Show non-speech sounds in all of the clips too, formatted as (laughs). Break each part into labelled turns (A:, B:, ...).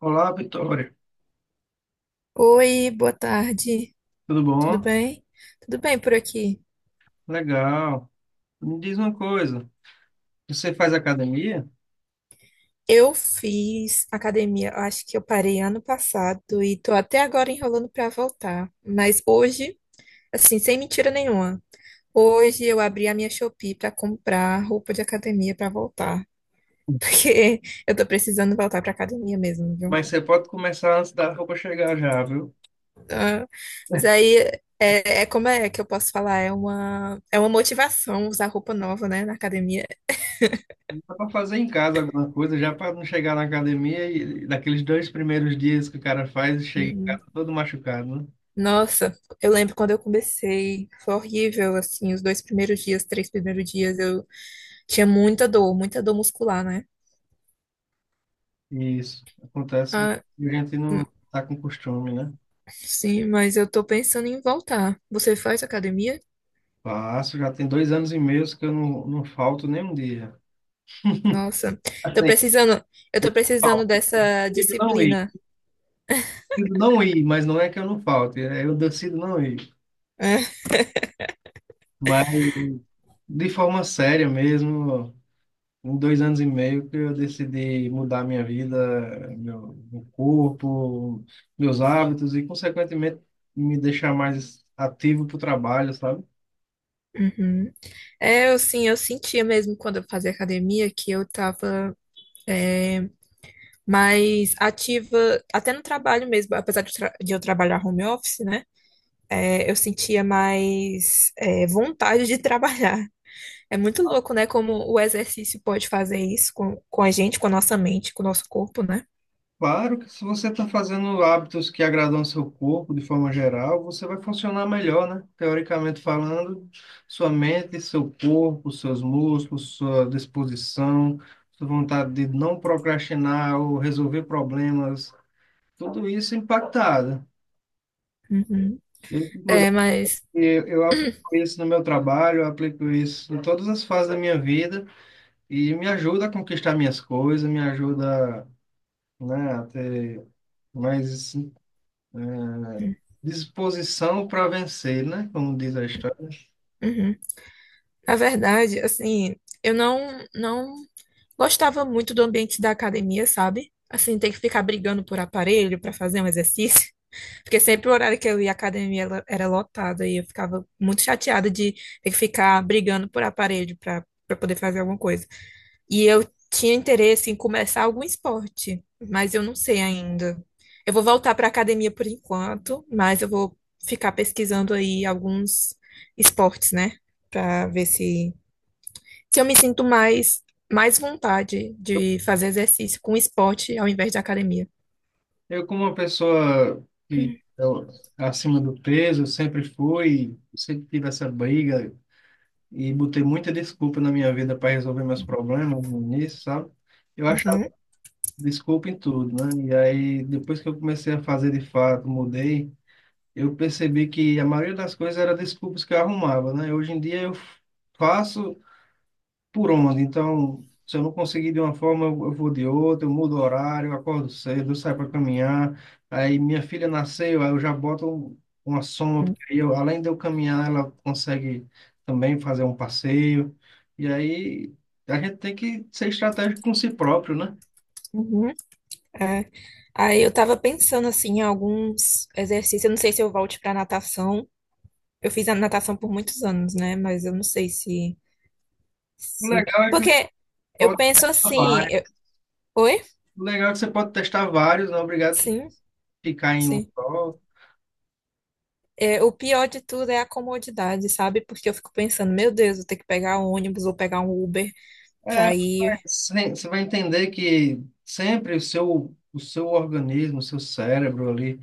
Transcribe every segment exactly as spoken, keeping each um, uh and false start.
A: Olá, Vitória.
B: Oi, boa tarde.
A: Tudo
B: Tudo
A: bom?
B: bem? Tudo bem por aqui.
A: Legal. Me diz uma coisa, você faz academia?
B: Eu fiz academia, eu acho que eu parei ano passado e tô até agora enrolando pra voltar. Mas hoje, assim, sem mentira nenhuma, hoje eu abri a minha Shopee pra comprar roupa de academia pra voltar, (laughs) porque eu tô precisando voltar pra academia mesmo, viu?
A: Mas você pode começar antes da roupa chegar já, viu?
B: Ah, mas aí é, é como é que eu posso falar? É uma é uma motivação usar roupa nova, né, na academia.
A: Dá para fazer em casa alguma coisa, já para não chegar na academia e daqueles dois primeiros dias que o cara faz e chega em
B: Hum,
A: casa todo machucado, né?
B: Nossa, eu lembro quando eu comecei, foi horrível, assim, os dois primeiros dias, três primeiros dias, eu tinha muita dor, muita dor muscular, né?
A: Isso, acontece.
B: Ah,
A: e a gente não
B: hum,
A: tá com costume, né?
B: sim, mas eu tô pensando em voltar. Você faz academia?
A: Faço, já tem dois anos e meio que eu não, não falto nem um dia.
B: Nossa, tô
A: Assim, (laughs)
B: precisando, eu tô precisando dessa
A: eu decido não ir,
B: disciplina.
A: decido não ir, mas não é que eu não falte, é eu decido não ir.
B: É,
A: Mas de forma séria mesmo, em dois anos e meio que eu decidi mudar minha vida, meu, meu corpo, meus hábitos e, consequentemente, me deixar mais ativo para o trabalho, sabe?
B: uhum. É, eu sim, eu sentia mesmo quando eu fazia academia que eu tava é, mais ativa, até no trabalho mesmo, apesar de, eu tra- de eu trabalhar home office, né? é, eu sentia mais é, vontade de trabalhar. É muito louco, né? Como o exercício pode fazer isso com, com a gente, com a nossa mente, com o nosso corpo, né?
A: Claro que se você está fazendo hábitos que agradam ao seu corpo de forma geral, você vai funcionar melhor, né? Teoricamente falando, sua mente, seu corpo, seus músculos, sua disposição, sua vontade de não procrastinar ou resolver problemas, tudo isso impactado.
B: Uhum.
A: Eu, inclusive,
B: É, mas,
A: eu eu aplico isso no meu trabalho, eu aplico isso em todas as fases da minha vida e me ajuda a conquistar minhas coisas, me ajuda, né, a ter mais Disposição para vencer, né? Como diz a história.
B: uhum. Na verdade, assim, eu não, não gostava muito do ambiente da academia, sabe? Assim, ter que ficar brigando por aparelho para fazer um exercício. (laughs) Porque sempre o horário que eu ia à academia ela era lotada e eu ficava muito chateada de ter que ficar brigando por aparelho para para poder fazer alguma coisa. E eu tinha interesse em começar algum esporte, mas eu não sei ainda. Eu vou voltar para academia por enquanto, mas eu vou ficar pesquisando aí alguns esportes, né? Para ver se, se eu me sinto mais, mais vontade de fazer exercício com esporte ao invés de academia.
A: Eu, como uma pessoa que eu, acima do peso, eu sempre fui, sempre tive essa briga e botei muita desculpa na minha vida para resolver meus problemas no início, sabe? Eu achava
B: Uhum,
A: desculpa em tudo, né? E aí, depois que eu comecei a fazer de fato, mudei, eu percebi que a maioria das coisas era desculpas que eu arrumava, né? Hoje em dia eu faço por onde. Então, se eu não conseguir de uma forma, eu eu vou de outra, eu mudo o horário, eu acordo cedo, eu saio para caminhar. Aí minha filha nasceu, aí eu já boto um- uma soma,
B: uhum,
A: porque aí eu, além de eu caminhar, ela consegue também fazer um passeio. E aí a gente tem que ser estratégico com si próprio, né?
B: uhum, é. Aí eu tava pensando assim em alguns exercícios. Eu não sei se eu volte para natação. Eu fiz a natação por muitos anos, né? Mas eu não sei se.
A: O
B: Sim.
A: legal é que você
B: Porque eu
A: pode
B: penso
A: testar
B: assim, eu-
A: vários.
B: oi?
A: O legal é que você pode testar vários, não é obrigado a
B: Sim,
A: ficar em um
B: sim.
A: só.
B: É, o pior de tudo é a comodidade, sabe? Porque eu fico pensando, meu Deus, vou ter que pegar um ônibus ou pegar um Uber
A: É,
B: pra ir.
A: Sim, Você vai entender que sempre o seu, o seu organismo, o seu cérebro ali,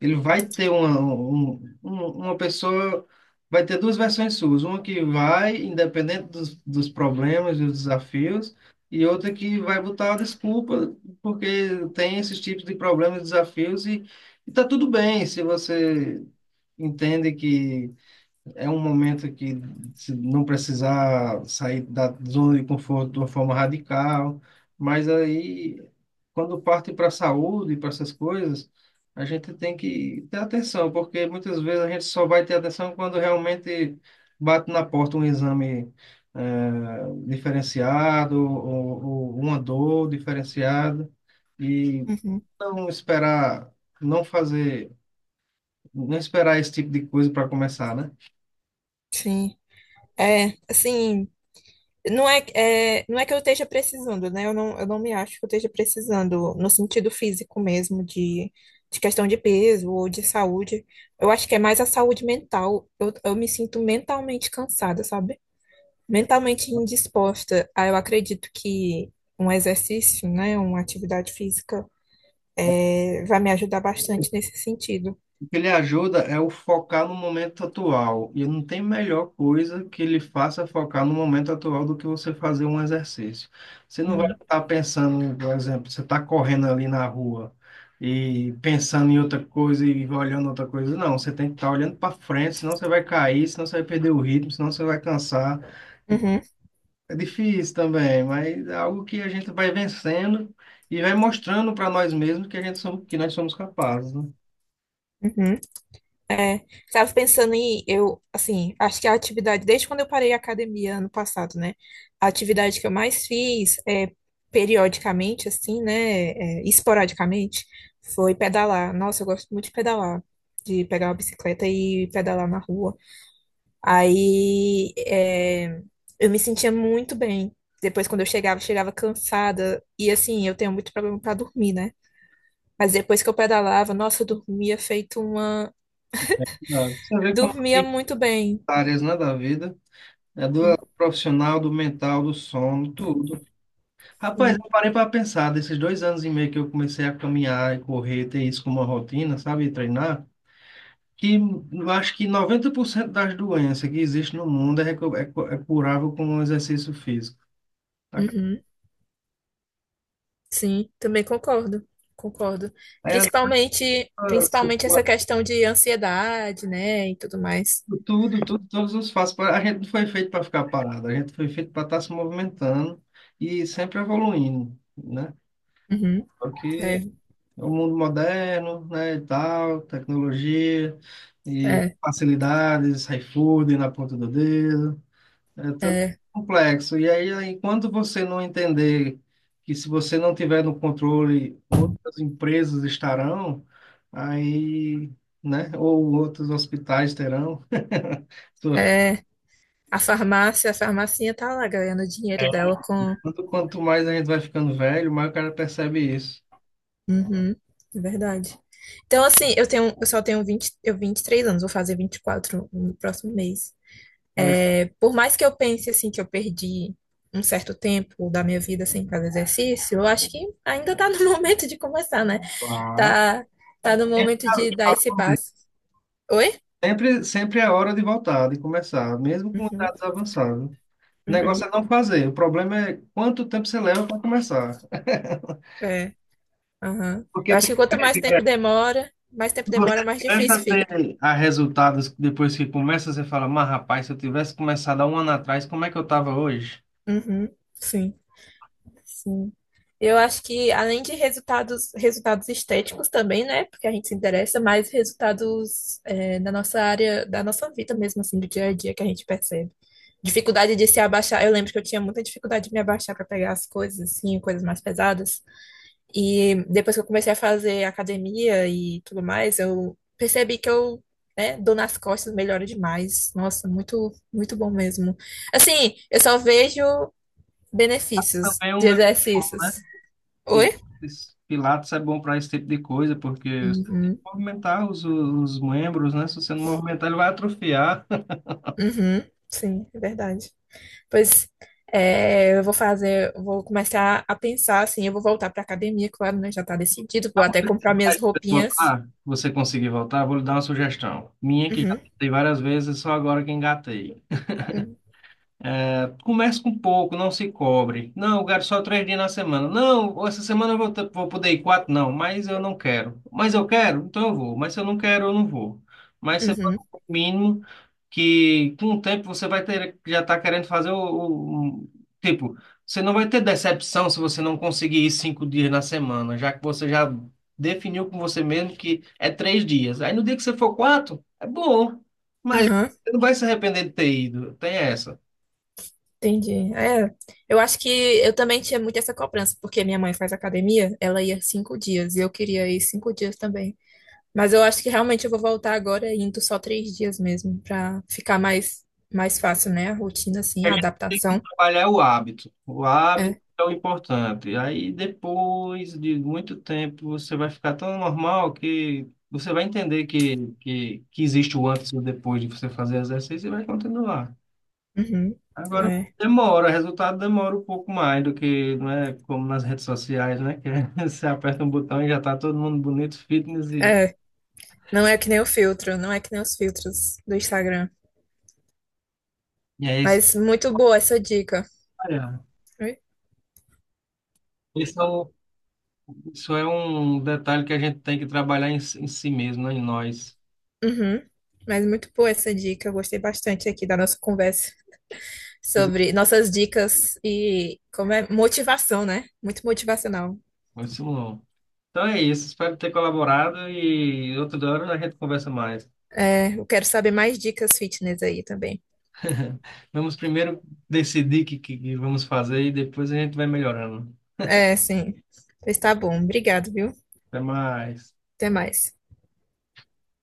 A: ele vai ter uma, um- um- uma pessoa, vai ter duas versões suas, uma que vai, independente dos, dos problemas e dos desafios, e outra que vai botar a desculpa, porque tem esses tipos de problemas e desafios, e, e tá tudo bem se você entende é um momento que se não precisar sair da zona de conforto de uma forma radical, mas aí, quando parte para a saúde, para essas coisas, a gente tem que ter atenção, porque muitas vezes a gente só vai ter atenção quando realmente bate na porta um exame eh, diferenciado ou, ou uma dor diferenciada, e
B: Uhum,
A: não esperar, não fazer, não esperar esse tipo de coisa para começar, né?
B: sim. É, assim, não é, é, não é que eu esteja precisando, né? Eu não, eu não me acho que eu esteja precisando no sentido físico mesmo, de, de questão de peso ou de saúde. Eu acho que é mais a saúde mental. Eu, eu me sinto mentalmente cansada, sabe? Mentalmente indisposta. Ah, eu acredito que um exercício, né, uma atividade física, é, vai me ajudar bastante nesse sentido.
A: O que ele ajuda é o focar no momento atual. E não tem melhor coisa que ele faça focar no momento atual do que você fazer um exercício. Você não vai
B: Uhum.
A: estar pensando, por exemplo, você está correndo ali na rua e pensando em outra coisa e olhando outra coisa. Não, você tem que estar olhando para frente, senão você vai cair, senão você vai perder o ritmo, senão você vai cansar.
B: Uhum,
A: É difícil também, mas é algo que a gente vai vencendo e vai mostrando para nós mesmos que a gente somos, que nós somos capazes, né?
B: uhum. É, estava pensando em, eu, assim, acho que a atividade, desde quando eu parei a academia ano passado, né, a atividade que eu mais fiz, é, periodicamente, assim, né, é, esporadicamente, foi pedalar. Nossa, eu gosto muito de pedalar, de pegar uma bicicleta e pedalar na rua. Aí é, eu me sentia muito bem. Depois, quando eu chegava, eu chegava cansada. E assim, eu tenho muito problema para dormir, né? Mas depois que eu pedalava, nossa, eu dormia feito uma.
A: Sabe? Você vê como
B: Dormia muito bem.
A: áreas, né, da vida. É do profissional, do mental, do sono, tudo. Rapaz,
B: Sim.
A: eu parei para pensar, desses dois anos e meio que eu comecei a caminhar e correr, ter isso como uma rotina, sabe, e treinar, que eu acho que noventa por cento das doenças que existem no mundo é, recu- é, cu- é curável com um exercício físico. Tá?
B: Uhum. Sim, também concordo. Concordo.
A: É,
B: Principalmente,
A: você
B: principalmente essa
A: pode-
B: questão de ansiedade, né? E tudo mais.
A: tudo, tudo, todos os passos. pra- A gente não foi feito para ficar parado, a gente foi feito para estar se movimentando e sempre evoluindo, né?
B: Uhum. É,
A: Porque o mundo moderno, né, e tal, tecnologia e
B: é,
A: facilidades, iFood na ponta do dedo, é tudo complexo. E aí, enquanto você não entender que se você não tiver no controle, outras empresas estarão, aí, né, ou outros hospitais terão. (laughs) Sua-
B: é, é. A farmácia, a farmacinha tá lá ganhando dinheiro dela com.
A: Quanto quanto mais a gente vai ficando velho, mais o cara percebe isso.
B: Uhum, é verdade. Então, assim, eu tenho, eu só tenho vinte eu vinte e três anos, vou fazer vinte e quatro no próximo mês. É, por mais que eu pense, assim, que eu perdi um certo tempo da minha vida sem fazer exercício, eu acho que ainda tá no (laughs) momento de começar, né?
A: Claro.
B: Tá, tá no
A: É,
B: momento de dar
A: cara,
B: esse passo. Oi?
A: Sempre, sempre é hora de voltar, de começar, mesmo com
B: Uhum,
A: idades avançadas. O negócio
B: uhum,
A: é não fazer. O problema é quanto tempo você leva para começar. (laughs)
B: é, aham. Eu
A: Porque
B: acho
A: tem,
B: que quanto mais tempo demora, mais tempo
A: você
B: demora, mais
A: começa
B: difícil
A: a
B: fica.
A: ter a resultados depois que começa, você fala, mas rapaz, se eu tivesse começado há um ano atrás, como é que eu estava hoje?
B: Uhum, sim. Sim. Eu acho que além de resultados, resultados estéticos também, né? Porque a gente se interessa, mais resultados é, da nossa área, da nossa vida mesmo, assim, do dia a dia que a gente percebe. Dificuldade de se abaixar. Eu lembro que eu tinha muita dificuldade de me abaixar para pegar as coisas, assim, coisas mais pesadas. E depois que eu comecei a fazer academia e tudo mais, eu percebi que eu, né, dou nas costas, melhora demais. Nossa, muito, muito bom mesmo. Assim, eu só vejo.
A: Pilates
B: Benefícios
A: também é um
B: de
A: negócio, né?
B: exercícios. Oi?
A: Pilates, Pilates é bom para esse tipo de coisa, porque você tem que
B: Uhum.
A: movimentar os, os membros, né? Se você não movimentar, ele vai atrofiar.
B: Uhum. Sim, é verdade. Pois é, eu vou fazer, eu vou começar a pensar assim, eu vou voltar para academia, claro, né? Já tá decidido, vou
A: Quando
B: até
A: você
B: comprar minhas
A: vai
B: roupinhas.
A: voltar, você conseguir voltar, vou lhe dar uma sugestão. Minha que já
B: Uhum.
A: tentei várias vezes, só agora que engatei.
B: Uhum.
A: Comece com pouco, não se cobre. Não, eu quero só três dias na semana. Não, essa semana eu vou, ter- vou poder ir quatro, não, mas eu não quero. Mas eu quero, então eu vou. Mas se eu não quero, eu não vou. Mas você bota
B: Uhum.
A: o mínimo que com o tempo você vai ter, já tá querendo fazer o, o- o- tipo, você não vai ter decepção se você não conseguir ir cinco dias na semana, já que você já definiu com você mesmo que é três dias. Aí no dia que você for quatro, é bom, mas
B: Uhum.
A: você não vai se arrepender de ter ido. Tem essa.
B: Entendi. É, eu acho que eu também tinha muito essa cobrança, porque minha mãe faz academia, ela ia cinco dias e eu queria ir cinco dias também. Mas eu acho que realmente eu vou voltar agora indo só três dias mesmo, pra ficar mais, mais fácil, né? A rotina, assim,
A: A
B: a
A: gente tem que
B: adaptação.
A: trabalhar o hábito. O hábito
B: É.
A: é o importante. Aí depois de muito tempo você vai ficar tão normal que você vai entender que, que, que existe o antes e o depois de você fazer exercício e vai continuar.
B: Uhum.
A: Agora
B: É.
A: demora, o resultado demora um pouco mais do que, não é como nas redes sociais, né? Que (laughs) você aperta um botão e já está todo mundo bonito, fitness e,
B: É. Não é que nem o filtro, não é que nem os filtros do Instagram.
A: e é isso.
B: Mas muito boa essa dica.
A: Olha,
B: Oi?
A: Isso é um, isso é um detalhe que a gente tem que trabalhar em, si- em si mesmo, né? Em nós.
B: Uhum. Mas muito boa essa dica. Eu gostei bastante aqui da nossa conversa sobre nossas dicas e como é motivação, né? Muito motivacional.
A: Isso não. Então é isso, espero ter colaborado e outro hora a gente conversa mais.
B: É, eu quero saber mais dicas fitness aí também.
A: Vamos primeiro decidir o que, que que vamos fazer e depois a gente vai melhorando.
B: É, sim. Pois tá bom. Obrigado, viu?
A: Até mais.
B: Até mais.